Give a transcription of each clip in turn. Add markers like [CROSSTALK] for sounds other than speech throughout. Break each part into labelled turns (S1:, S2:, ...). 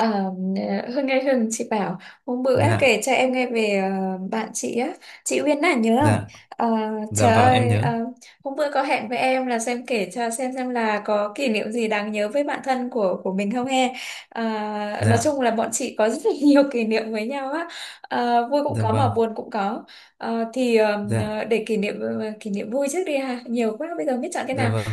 S1: Ờ, Hương nghe, Hương chị bảo hôm bữa
S2: Dạ,
S1: kể cho em nghe về bạn chị á, chị Uyên à nhớ không?
S2: dạ,
S1: Ờ,
S2: dạ,
S1: Trời
S2: vâng, em
S1: ơi,
S2: nhớ.
S1: hôm bữa có hẹn với em là xem kể cho xem là có kỷ niệm gì đáng nhớ với bạn thân của mình không he? Ờ, nói
S2: Dạ,
S1: chung là bọn chị có [LAUGHS] rất là nhiều kỷ niệm với nhau á. Vui cũng
S2: dạ,
S1: có mà
S2: vâng.
S1: buồn cũng có. Ờ, thì ờ,
S2: Dạ,
S1: để kỷ niệm vui trước đi ha, nhiều quá bây giờ biết chọn cái
S2: dạ,
S1: nào.
S2: vâng.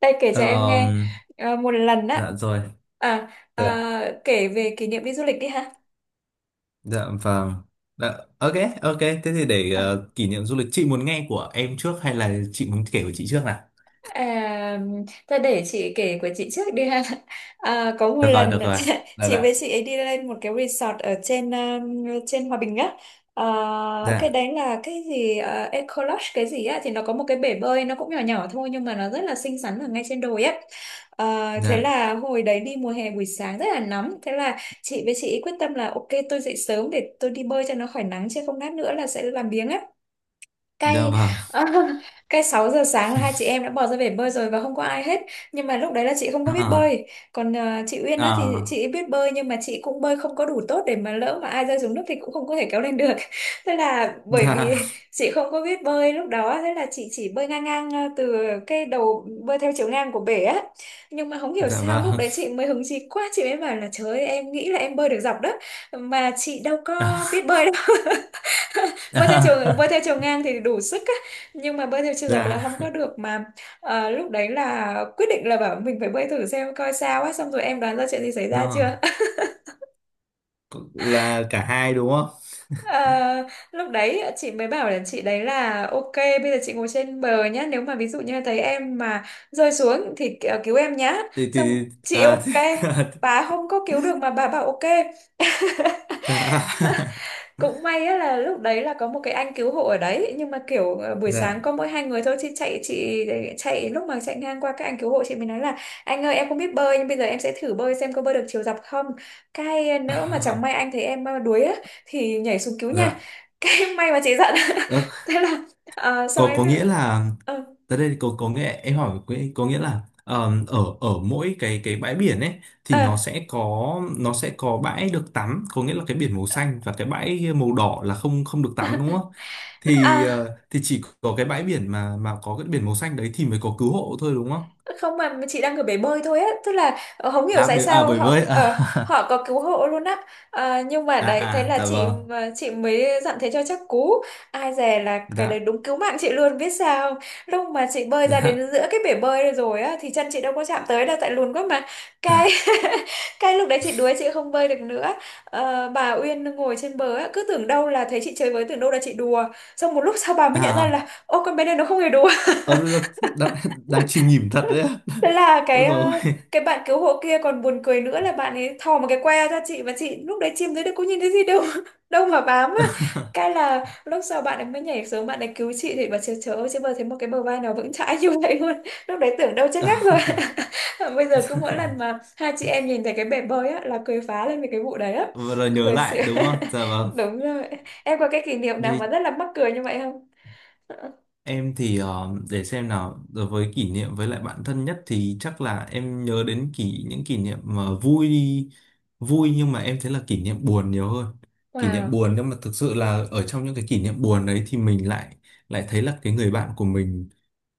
S1: Đây kể cho em nghe.
S2: Ờm,
S1: Một lần á.
S2: dạ, rồi.
S1: à,
S2: Dạ,
S1: Kể về kỷ niệm đi du lịch đi ha.
S2: dạ, vâng, dạ, ok. Ok, thế thì để
S1: À,
S2: kỷ niệm du lịch chị muốn nghe của em trước hay là chị muốn kể của chị trước nào?
S1: À, Thôi để chị kể của chị trước đi ha. Có một
S2: Được rồi,
S1: lần
S2: được rồi.
S1: [LAUGHS]
S2: Dạ,
S1: chị
S2: dạ,
S1: với chị ấy đi lên một cái resort ở trên trên Hòa Bình á. À, cái
S2: dạ,
S1: đấy là cái gì Eco Lodge cái gì á, thì nó có một cái bể bơi nó cũng nhỏ nhỏ thôi nhưng mà nó rất là xinh xắn ở ngay trên đồi á. Thế
S2: dạ,
S1: là hồi đấy đi mùa hè buổi sáng rất là nóng, thế là chị với chị ấy quyết tâm là ok tôi dậy sớm để tôi đi bơi cho nó khỏi nắng, chứ không lát nữa là sẽ làm biếng á.
S2: dạ,
S1: Cay.
S2: vâng,
S1: [LAUGHS] Cay, 6 giờ sáng là hai chị em đã bỏ ra bể bơi rồi và không có ai hết, nhưng mà lúc đấy là chị không có biết
S2: à,
S1: bơi. Còn chị Uyên á thì
S2: à,
S1: chị ấy biết bơi nhưng mà chị cũng bơi không có đủ tốt để mà lỡ mà ai rơi xuống nước thì cũng không có thể kéo lên được. [LAUGHS] Thế là bởi
S2: dạ,
S1: vì [LAUGHS] chị không có biết bơi lúc đó, thế là chị chỉ bơi ngang ngang từ cái đầu bơi theo chiều ngang của bể á. Nhưng mà không hiểu
S2: dạ,
S1: sao lúc
S2: vâng,
S1: đấy chị mới hứng chí quá chị mới bảo là trời ơi, em nghĩ là em bơi được dọc đó, mà chị đâu có
S2: à.
S1: biết bơi đâu. [LAUGHS] Bơi theo chiều
S2: [LAUGHS]
S1: ngang thì đủ sức á, nhưng mà bơi theo chiều
S2: Dạ.
S1: dọc là không có được mà. Lúc đấy là quyết định là bảo mình phải bơi thử xem coi sao á, xong rồi em đoán ra chuyện gì xảy ra chưa?
S2: Nó
S1: [LAUGHS]
S2: là cả hai đúng không?
S1: Ờ, Lúc đấy chị mới bảo là chị đấy là ok bây giờ chị ngồi trên bờ nhá, nếu mà ví dụ như thấy em mà rơi xuống thì cứu em nhá.
S2: thì
S1: Xong
S2: thì
S1: chị
S2: à.
S1: ok, bà không có cứu được mà
S2: [LAUGHS]
S1: bà bảo ok.
S2: Dạ. [LAUGHS]
S1: Cũng may á là lúc đấy là có một cái anh cứu hộ ở đấy, nhưng mà kiểu buổi
S2: Dạ.
S1: sáng có mỗi hai người thôi, chị chạy lúc mà chạy ngang qua các anh cứu hộ chị mới nói là: anh ơi em không biết bơi nhưng bây giờ em sẽ thử bơi xem có bơi được chiều dọc không, cái nữa mà chẳng may
S2: [LAUGHS]
S1: anh thấy em đuối á, thì nhảy xuống cứu nha.
S2: Dạ.
S1: [LAUGHS] Cái may mà chị giận.
S2: Ờ,
S1: [LAUGHS] Thế là xong
S2: có
S1: em
S2: có
S1: biết.
S2: nghĩa là
S1: Ờ.
S2: tới đây có nghĩa em có nghĩa là ở ở mỗi cái bãi biển ấy thì nó
S1: Ờ.
S2: sẽ có nó sẽ có bãi được tắm, có nghĩa là cái biển màu xanh và cái bãi màu đỏ là không không được tắm đúng không? thì
S1: à,
S2: ờ, thì chỉ có cái bãi biển mà có cái biển màu xanh đấy thì mới có cứu hộ thôi đúng không?
S1: Không, mà chị đang ở bể bơi thôi á, tức là không hiểu
S2: à
S1: tại
S2: bởi à
S1: sao
S2: bởi với
S1: họ, ờ,
S2: à. [LAUGHS]
S1: họ có cứu hộ luôn á. Nhưng mà đấy thế
S2: À, à,
S1: là
S2: dạ
S1: chị,
S2: vâng,
S1: mà chị mới dặn thế cho chắc cú, ai dè là cái đấy
S2: dạ,
S1: đúng cứu mạng chị luôn biết sao không? Lúc mà chị bơi ra
S2: dạ,
S1: đến giữa cái bể bơi rồi á thì chân chị đâu có chạm tới đâu, tại lùn quá mà. Cái [LAUGHS] cái lúc đấy chị đuối, chị không bơi được nữa. Bà Uyên ngồi trên bờ á cứ tưởng đâu là thấy chị chơi với, tưởng đâu là chị đùa, xong một lúc sau bà mới nhận ra
S2: à.
S1: là ô, con bé này nó không hề đùa.
S2: Ờ, đang, đang, đang chìm nghỉm thật đấy á.
S1: Thế là
S2: [LAUGHS]
S1: cái
S2: Ôi dồi
S1: ờ,
S2: ôi.
S1: cái bạn cứu hộ kia còn buồn cười nữa là bạn ấy thò một cái que ra, chị và chị lúc đấy chìm dưới nước có nhìn thấy gì đâu. [LAUGHS] Đâu mà bám á. Cái
S2: [LAUGHS]
S1: là lúc sau bạn ấy mới nhảy xuống bạn ấy cứu chị, thì bà chưa chớ ơi, chứ bờ thấy một cái bờ vai nào vững chãi như [LAUGHS] vậy luôn. Lúc đấy tưởng đâu chết ngắt rồi. [LAUGHS] Bây giờ cứ mỗi lần mà hai chị em nhìn thấy cái bể bơi á là cười phá lên về cái vụ đấy á,
S2: Vừa rồi nhớ
S1: cười xỉu.
S2: lại đúng không? Dạ vâng.
S1: [LAUGHS] Đúng rồi. Em có cái kỷ niệm nào mà
S2: Đây.
S1: rất là mắc cười như vậy không? [LAUGHS]
S2: Em thì để xem nào, đối với kỷ niệm với lại bạn thân nhất thì chắc là em nhớ đến những kỷ niệm mà vui, vui nhưng mà em thấy là kỷ niệm buồn nhiều hơn. Kỷ niệm
S1: Wow,
S2: buồn nhưng mà thực sự là ở trong những cái kỷ niệm buồn đấy thì mình lại lại thấy là cái người bạn của mình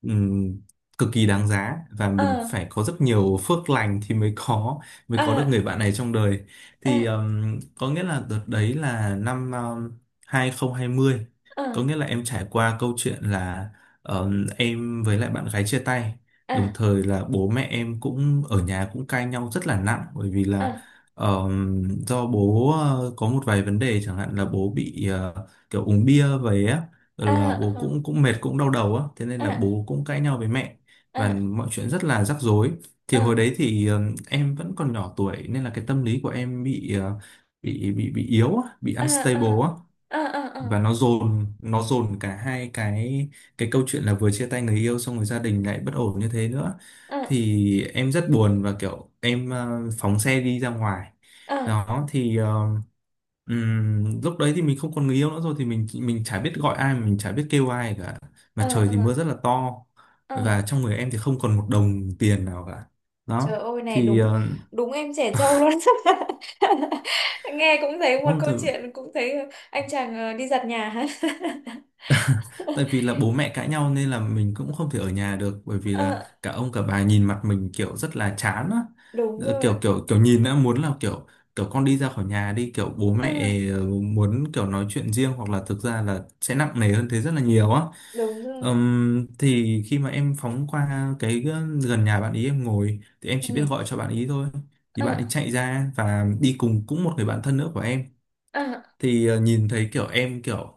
S2: ừm, cực kỳ đáng giá và
S1: ờ,
S2: mình phải có rất nhiều phước lành thì mới có được
S1: à,
S2: người bạn này trong đời. Thì
S1: à,
S2: có nghĩa là đợt đấy là năm 2020, có
S1: à,
S2: nghĩa là em trải qua câu chuyện là ờ, em với lại bạn gái chia tay, đồng
S1: à,
S2: thời là bố mẹ em cũng ở nhà cũng cãi nhau rất là nặng, bởi vì là
S1: à,
S2: ờ, do bố có một vài vấn đề, chẳng hạn là bố bị kiểu uống bia về á,
S1: à,
S2: rồi là bố
S1: à,
S2: cũng cũng mệt, cũng đau đầu á, thế nên là
S1: à,
S2: bố cũng cãi nhau với mẹ và
S1: à,
S2: mọi chuyện rất là rắc rối. Thì hồi
S1: à,
S2: đấy thì em vẫn còn nhỏ tuổi nên là cái tâm lý của em bị bị yếu á, bị
S1: à,
S2: unstable á,
S1: à, à, à,
S2: và nó dồn cả hai cái câu chuyện là vừa chia tay người yêu xong rồi gia đình lại bất ổn như thế nữa, thì em rất buồn và kiểu em phóng xe đi ra ngoài.
S1: à,
S2: Đó thì lúc đấy thì mình không còn người yêu nữa rồi thì mình chả biết gọi ai, mình chả biết kêu ai cả,
S1: à,
S2: mà trời thì mưa
S1: à,
S2: rất là to và
S1: à,
S2: trong người em thì không còn một đồng tiền nào cả.
S1: trời
S2: Đó
S1: ơi này
S2: thì
S1: đúng. Đúng em trẻ trâu luôn. [LAUGHS] Nghe cũng thấy một câu
S2: uh,
S1: chuyện cũng thấy, anh chàng đi giặt nhà hả? [LAUGHS]
S2: tại vì là bố mẹ cãi nhau nên là mình cũng không thể ở nhà được, bởi vì là
S1: Ờ,
S2: cả ông cả bà nhìn mặt mình kiểu rất là chán á.
S1: đúng rồi.
S2: Kiểu kiểu kiểu nhìn đã muốn là kiểu kiểu con đi ra khỏi nhà đi, kiểu bố
S1: Ờ,
S2: mẹ muốn kiểu nói chuyện riêng hoặc là thực ra là sẽ nặng nề hơn thế rất là nhiều á.
S1: đúng rồi.
S2: Thì khi mà em phóng qua cái gần nhà bạn ý, em ngồi thì em chỉ biết
S1: Ừ.
S2: gọi cho bạn ý thôi, thì bạn
S1: Ờ,
S2: ấy chạy ra và đi cùng cũng một người bạn thân nữa của em,
S1: ờ.
S2: thì nhìn thấy kiểu em kiểu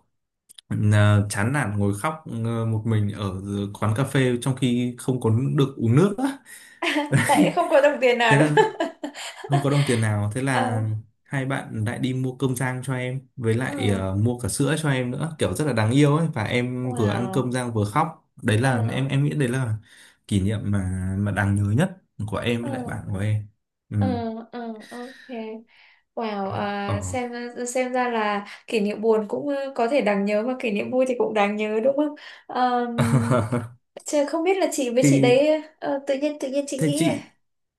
S2: Ờ, chán nản ngồi khóc một mình ở quán cà phê trong khi không có được uống nước á.
S1: [LAUGHS] Tại
S2: [LAUGHS]
S1: không có đồng tiền nào
S2: Thế
S1: đúng
S2: là
S1: không?
S2: không có đồng tiền nào,
S1: [LAUGHS]
S2: thế
S1: Ờ,
S2: là hai bạn lại đi mua cơm rang cho em với lại
S1: ờ,
S2: mua cả sữa cho em nữa kiểu rất là đáng yêu ấy, và em vừa ăn cơm
S1: wow.
S2: rang vừa khóc, đấy
S1: Ờ,
S2: là
S1: ờ,
S2: em nghĩ đấy là kỷ niệm mà đáng nhớ nhất của em
S1: ờ,
S2: với lại bạn của em. Ừ.
S1: ờ, ờ, ok. Wow,
S2: Ờ.
S1: xem ra là kỷ niệm buồn cũng có thể đáng nhớ mà kỷ niệm vui thì cũng đáng nhớ đúng không? Um,
S2: [LAUGHS]
S1: chứ không biết là chị với chị
S2: thì
S1: đấy, tự nhiên chị
S2: thế
S1: nghĩ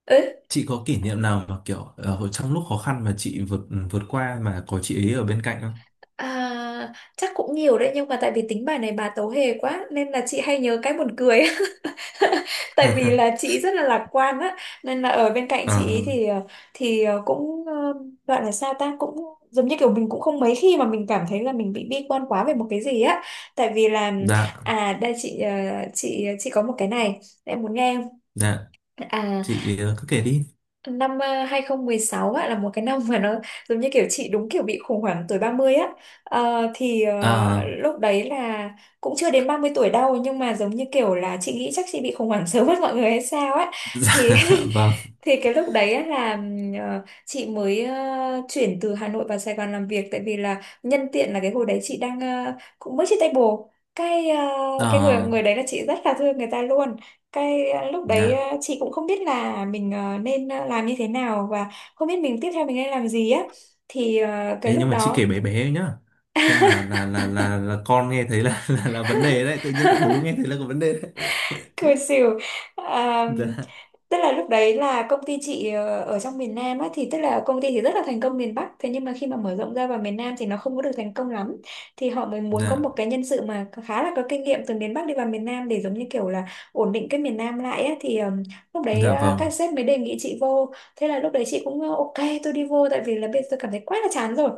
S1: ấy.
S2: chị có kỷ niệm nào mà kiểu trong lúc khó khăn mà chị vượt vượt qua mà có chị ấy ở bên cạnh không?
S1: Chắc cũng nhiều đấy nhưng mà tại vì tính bài này bà tấu hề quá nên là chị hay nhớ cái buồn cười. [LAUGHS] Tại vì là
S2: [LAUGHS]
S1: chị rất là lạc quan á, nên là ở bên cạnh
S2: Ờ,
S1: chị ý thì cũng gọi là sao ta, cũng giống như kiểu mình cũng không mấy khi mà mình cảm thấy là mình bị bi quan quá về một cái gì á. Tại vì là,
S2: dạ,
S1: đây chị, chị có một cái này em muốn nghe không?
S2: dạ,
S1: à
S2: chị cứ kể đi.
S1: Năm 2016 ạ là một cái năm mà nó giống như kiểu chị đúng kiểu bị khủng hoảng tuổi 30 á. Ờ, thì ờ,
S2: Ờ.
S1: Lúc đấy là cũng chưa đến 30 tuổi đâu, nhưng mà giống như kiểu là chị nghĩ chắc chị bị khủng hoảng [LAUGHS] sớm hơn mọi người hay sao á.
S2: [LAUGHS] Dạ,
S1: Thì
S2: vâng.
S1: [LAUGHS] thì cái lúc đấy á là chị mới chuyển từ Hà Nội vào Sài Gòn làm việc, tại vì là nhân tiện là cái hồi đấy chị đang cũng mới chia tay bồ. cái ờ,
S2: Ờ,
S1: cái người người đấy là chị rất là thương người ta luôn. Cái lúc đấy,
S2: dạ.
S1: chị cũng không biết là mình nên làm như thế nào và không biết mình tiếp theo mình nên làm gì á. Thì cái
S2: Ê,
S1: lúc
S2: nhưng mà chị kể
S1: đó,
S2: bé bé nhá, không là con nghe thấy là, [LAUGHS] là vấn đề đấy, tự nhiên lại bố nghe thấy là có vấn đề đấy. [LAUGHS]
S1: cười xỉu. à,
S2: Dạ,
S1: Tức là lúc đấy là công ty chị ở trong miền Nam á, thì tức là công ty thì rất là thành công miền Bắc, thế nhưng mà khi mà mở rộng ra vào miền Nam thì nó không có được thành công lắm. Thì họ mới muốn có một
S2: dạ,
S1: cái nhân sự mà khá là có kinh nghiệm từ miền Bắc đi vào miền Nam để giống như kiểu là ổn định cái miền Nam lại á. Thì lúc đấy
S2: dạ vâng,
S1: các sếp mới đề nghị chị vô, thế là lúc đấy chị cũng ok tôi đi vô, tại vì là bây giờ tôi cảm thấy quá là chán rồi.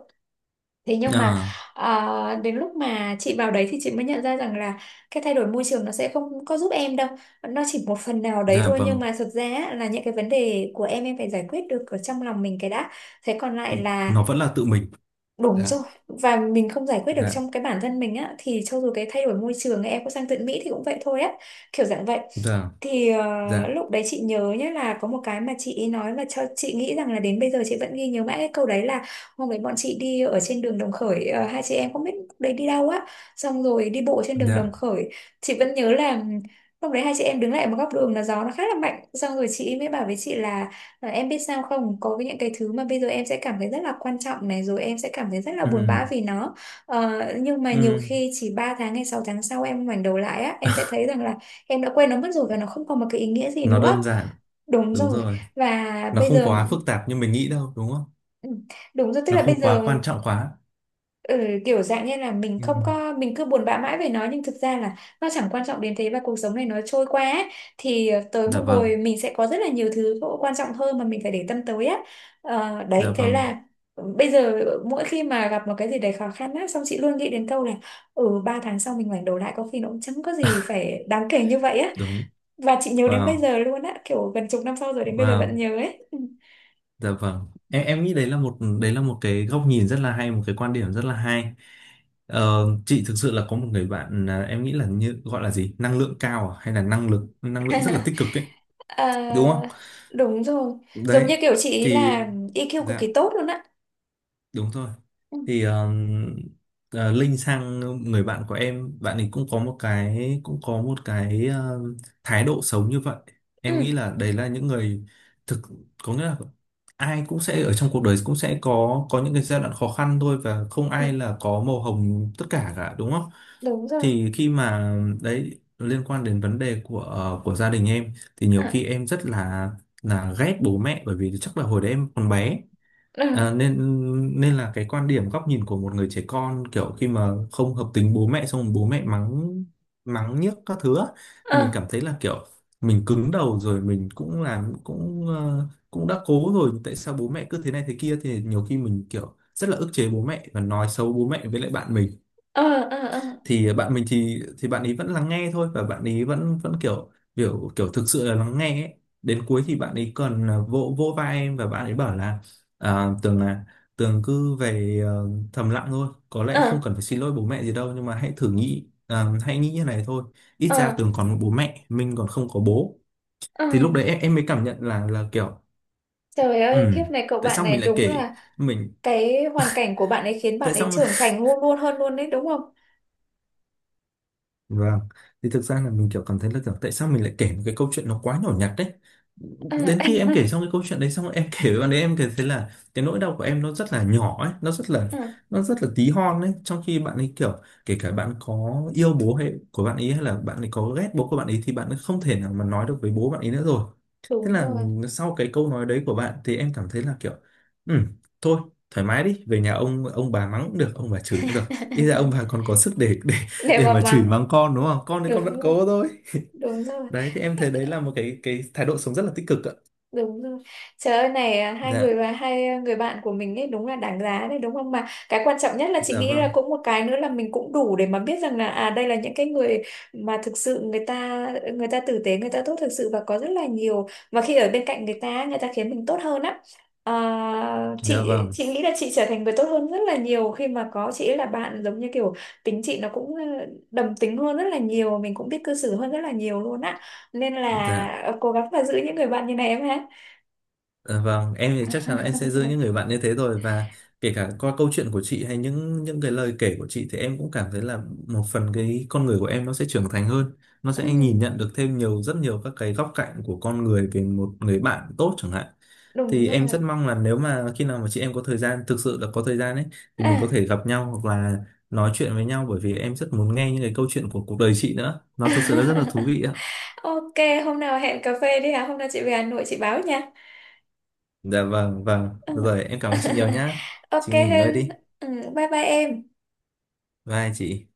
S1: Thế nhưng mà
S2: Ờ,
S1: đến lúc mà chị vào đấy thì chị mới nhận ra rằng là cái thay đổi môi trường nó sẽ không có giúp em đâu. Nó chỉ một phần nào đấy
S2: dạ
S1: thôi nhưng
S2: vâng,
S1: mà thực ra á, là những cái vấn đề của em phải giải quyết được ở trong lòng mình cái đã. Thế còn lại là,
S2: nó vẫn là tự mình.
S1: đúng
S2: Dạ,
S1: rồi, và mình không giải quyết được
S2: dạ,
S1: trong cái bản thân mình á thì cho dù cái thay đổi môi trường em có sang tận Mỹ thì cũng vậy thôi á, kiểu dạng vậy.
S2: dạ,
S1: Thì
S2: dạ,
S1: lúc đấy chị nhớ nhé là có một cái mà chị nói mà cho chị nghĩ rằng là đến bây giờ chị vẫn ghi nhớ mãi cái câu đấy là: hôm đấy bọn chị đi ở trên đường Đồng Khởi, hai chị em không biết lúc đấy đi đâu á, xong rồi đi bộ trên đường Đồng
S2: dạ,
S1: Khởi, chị vẫn nhớ là lúc đấy hai chị em đứng lại một góc đường là gió nó khá là mạnh, xong rồi chị mới bảo với chị là: và em biết sao không, có những cái thứ mà bây giờ em sẽ cảm thấy rất là quan trọng này rồi em sẽ cảm thấy rất là buồn
S2: ừ,
S1: bã vì nó, ờ, nhưng mà nhiều
S2: ừ.
S1: khi chỉ 3 tháng hay 6 tháng sau em ngoảnh đầu lại á, em sẽ thấy rằng là em đã quên nó mất rồi và nó không còn một cái ý nghĩa gì
S2: Nó
S1: nữa,
S2: đơn giản,
S1: đúng
S2: đúng
S1: rồi,
S2: rồi,
S1: và
S2: nó
S1: bây
S2: không
S1: giờ,
S2: quá phức tạp như mình nghĩ đâu đúng không?
S1: ừ, đúng rồi, tức
S2: Nó
S1: là bây
S2: không
S1: giờ,
S2: quá quan trọng quá.
S1: ừ, kiểu dạng như là mình
S2: Ừ.
S1: không có, mình cứ buồn bã mãi về nó nhưng thực ra là nó chẳng quan trọng đến thế và cuộc sống này nó trôi qua ấy. Thì tới
S2: Dạ
S1: một
S2: vâng.
S1: hồi mình sẽ có rất là nhiều thứ quan trọng hơn mà mình phải để tâm tới á.
S2: Dạ
S1: Đấy thế
S2: vâng.
S1: là bây giờ mỗi khi mà gặp một cái gì đấy khó khăn á xong chị luôn nghĩ đến câu là: ừ, 3 tháng sau mình ngoảnh đầu lại có khi nó cũng chẳng có gì phải đáng kể như vậy á.
S2: Đúng.
S1: Và chị nhớ đến bây
S2: Wow.
S1: giờ luôn á, kiểu gần chục năm sau rồi đến bây giờ vẫn
S2: Wow.
S1: nhớ ấy. Ừ.
S2: Dạ vâng, em nghĩ đấy là một cái góc nhìn rất là hay, một cái quan điểm rất là hay. Ờ, chị thực sự là có một người bạn, à, em nghĩ là như gọi là gì, năng lượng cao à? Hay là năng lượng rất là tích cực ấy,
S1: à,
S2: đúng không?
S1: Đúng rồi, giống
S2: Đấy
S1: như kiểu chị ý
S2: thì.
S1: là EQ cực
S2: Dạ.
S1: kỳ tốt luôn á.
S2: Đúng rồi.
S1: Ừ,
S2: Thì Linh sang người bạn của em, bạn ấy cũng có một cái thái độ sống như vậy, em nghĩ
S1: ừ,
S2: là đấy là những người thực, có nghĩa là ai cũng sẽ ở trong cuộc đời, cũng sẽ có những cái giai đoạn khó khăn thôi và không
S1: ừ,
S2: ai là có màu hồng tất cả cả đúng không?
S1: đúng rồi.
S2: Thì khi mà đấy liên quan đến vấn đề của của gia đình em thì nhiều
S1: À,
S2: khi em rất là ghét bố mẹ, bởi vì chắc là hồi đấy em còn bé.
S1: ừ,
S2: À, nên nên là cái quan điểm góc nhìn của một người trẻ con, kiểu khi mà không hợp tính bố mẹ xong rồi bố mẹ mắng mắng nhiếc các thứ á, thì mình
S1: à,
S2: cảm thấy là kiểu mình cứng đầu rồi, mình cũng làm, cũng cũng đã cố rồi, tại sao bố mẹ cứ thế này thế kia, thì nhiều khi mình kiểu rất là ức chế bố mẹ và nói xấu bố mẹ với lại bạn mình.
S1: ờ, ờ, ờ,
S2: Thì bạn mình thì bạn ấy vẫn lắng nghe thôi và bạn ấy vẫn vẫn kiểu kiểu kiểu thực sự là lắng nghe ấy. Đến cuối thì bạn ấy còn, à, vỗ vỗ vai em và bạn ấy bảo là, à, Tường cứ về thầm lặng thôi, có
S1: ờ,
S2: lẽ không cần phải xin lỗi bố mẹ gì đâu, nhưng mà hãy thử nghĩ, à, hãy nghĩ như này thôi, ít ra
S1: ờ,
S2: Tường còn một bố mẹ, mình còn không có bố.
S1: ờ.
S2: Thì lúc đấy em mới cảm nhận là kiểu
S1: Trời
S2: ừ,
S1: ơi kiếp này cậu
S2: tại
S1: bạn
S2: sao
S1: này
S2: mình lại
S1: đúng
S2: kể
S1: là,
S2: mình,
S1: cái hoàn cảnh của bạn ấy khiến
S2: tại
S1: bạn ấy
S2: sao.
S1: trưởng thành luôn luôn hơn luôn đấy đúng không?
S2: Vâng, thì thực ra là mình kiểu cảm thấy là kiểu tại sao mình lại kể một cái câu chuyện nó quá nhỏ nhặt đấy.
S1: À,
S2: Đến khi em kể
S1: [LAUGHS]
S2: xong cái câu chuyện đấy xong em [LAUGHS] kể với bạn, đấy em cảm thấy là cái nỗi đau của em nó rất là nhỏ ấy, nó rất là
S1: à,
S2: nó rất là tí hon ấy, trong khi bạn ấy kiểu, kể cả bạn có yêu bố hay của bạn ấy hay là bạn ấy có ghét bố của bạn ấy thì bạn ấy không thể nào mà nói được với bố bạn ấy nữa rồi. Thế
S1: đúng
S2: là
S1: rồi.
S2: sau cái câu nói đấy của bạn thì em cảm thấy là kiểu ừ, thôi thoải mái đi, về nhà ông bà mắng cũng được, ông bà chửi cũng được. Ít ra ông
S1: [LAUGHS]
S2: bà còn có sức để
S1: Để
S2: để
S1: mà
S2: mà chửi
S1: mắng.
S2: mắng con đúng không, con thì con vẫn
S1: Đúng rồi.
S2: cố thôi. [LAUGHS]
S1: Đúng rồi.
S2: Đấy thì em thấy đấy là một cái thái độ sống rất là tích cực ạ.
S1: Đúng rồi. Trời ơi này, hai người
S2: Dạ.
S1: và hai người bạn của mình ấy đúng là đáng giá đấy đúng không? Mà cái quan trọng nhất là chị
S2: Dạ
S1: nghĩ là
S2: vâng.
S1: cũng một cái nữa là mình cũng đủ để mà biết rằng là, đây là những cái người mà thực sự người ta, người ta tử tế, người ta tốt thực sự và có rất là nhiều, và khi ở bên cạnh người ta, người ta khiến mình tốt hơn á. À,
S2: Dạ
S1: chị
S2: vâng.
S1: chị nghĩ là chị trở thành người tốt hơn rất là nhiều khi mà có chị ấy là bạn, giống như kiểu tính chị nó cũng đồng tính hơn rất là nhiều, mình cũng biết cư xử hơn rất là nhiều luôn á, nên là
S2: Dạ.
S1: cố gắng mà giữ những người bạn như này em ha.
S2: Dạ vâng, em thì chắc chắn là em sẽ giữ những người bạn như thế rồi, và kể cả qua câu chuyện của chị hay những cái lời kể của chị thì em cũng cảm thấy là một phần cái con người của em nó sẽ trưởng thành hơn, nó sẽ nhìn
S1: Ừ,
S2: nhận được thêm nhiều, rất nhiều các cái góc cạnh của con người về một người bạn tốt chẳng hạn.
S1: đúng
S2: Thì em
S1: rồi.
S2: rất mong là nếu mà khi nào mà chị em có thời gian, thực sự là có thời gian ấy, thì mình có
S1: À.
S2: thể gặp nhau hoặc là nói chuyện với nhau, bởi vì em rất muốn nghe những cái câu chuyện của cuộc đời chị nữa. Nó thực sự là rất là thú vị
S1: [LAUGHS]
S2: ạ.
S1: Ok, hôm nào hẹn cà phê đi hả? Hôm nào chị về Hà Nội chị báo nha.
S2: Dạ vâng, vâng.
S1: Ừ.
S2: Rồi em cảm ơn chị nhiều
S1: [LAUGHS]
S2: nhá.
S1: Ok
S2: Chị nghỉ ngơi
S1: Hưng,
S2: đi.
S1: ừ, bye bye em.
S2: Vai chị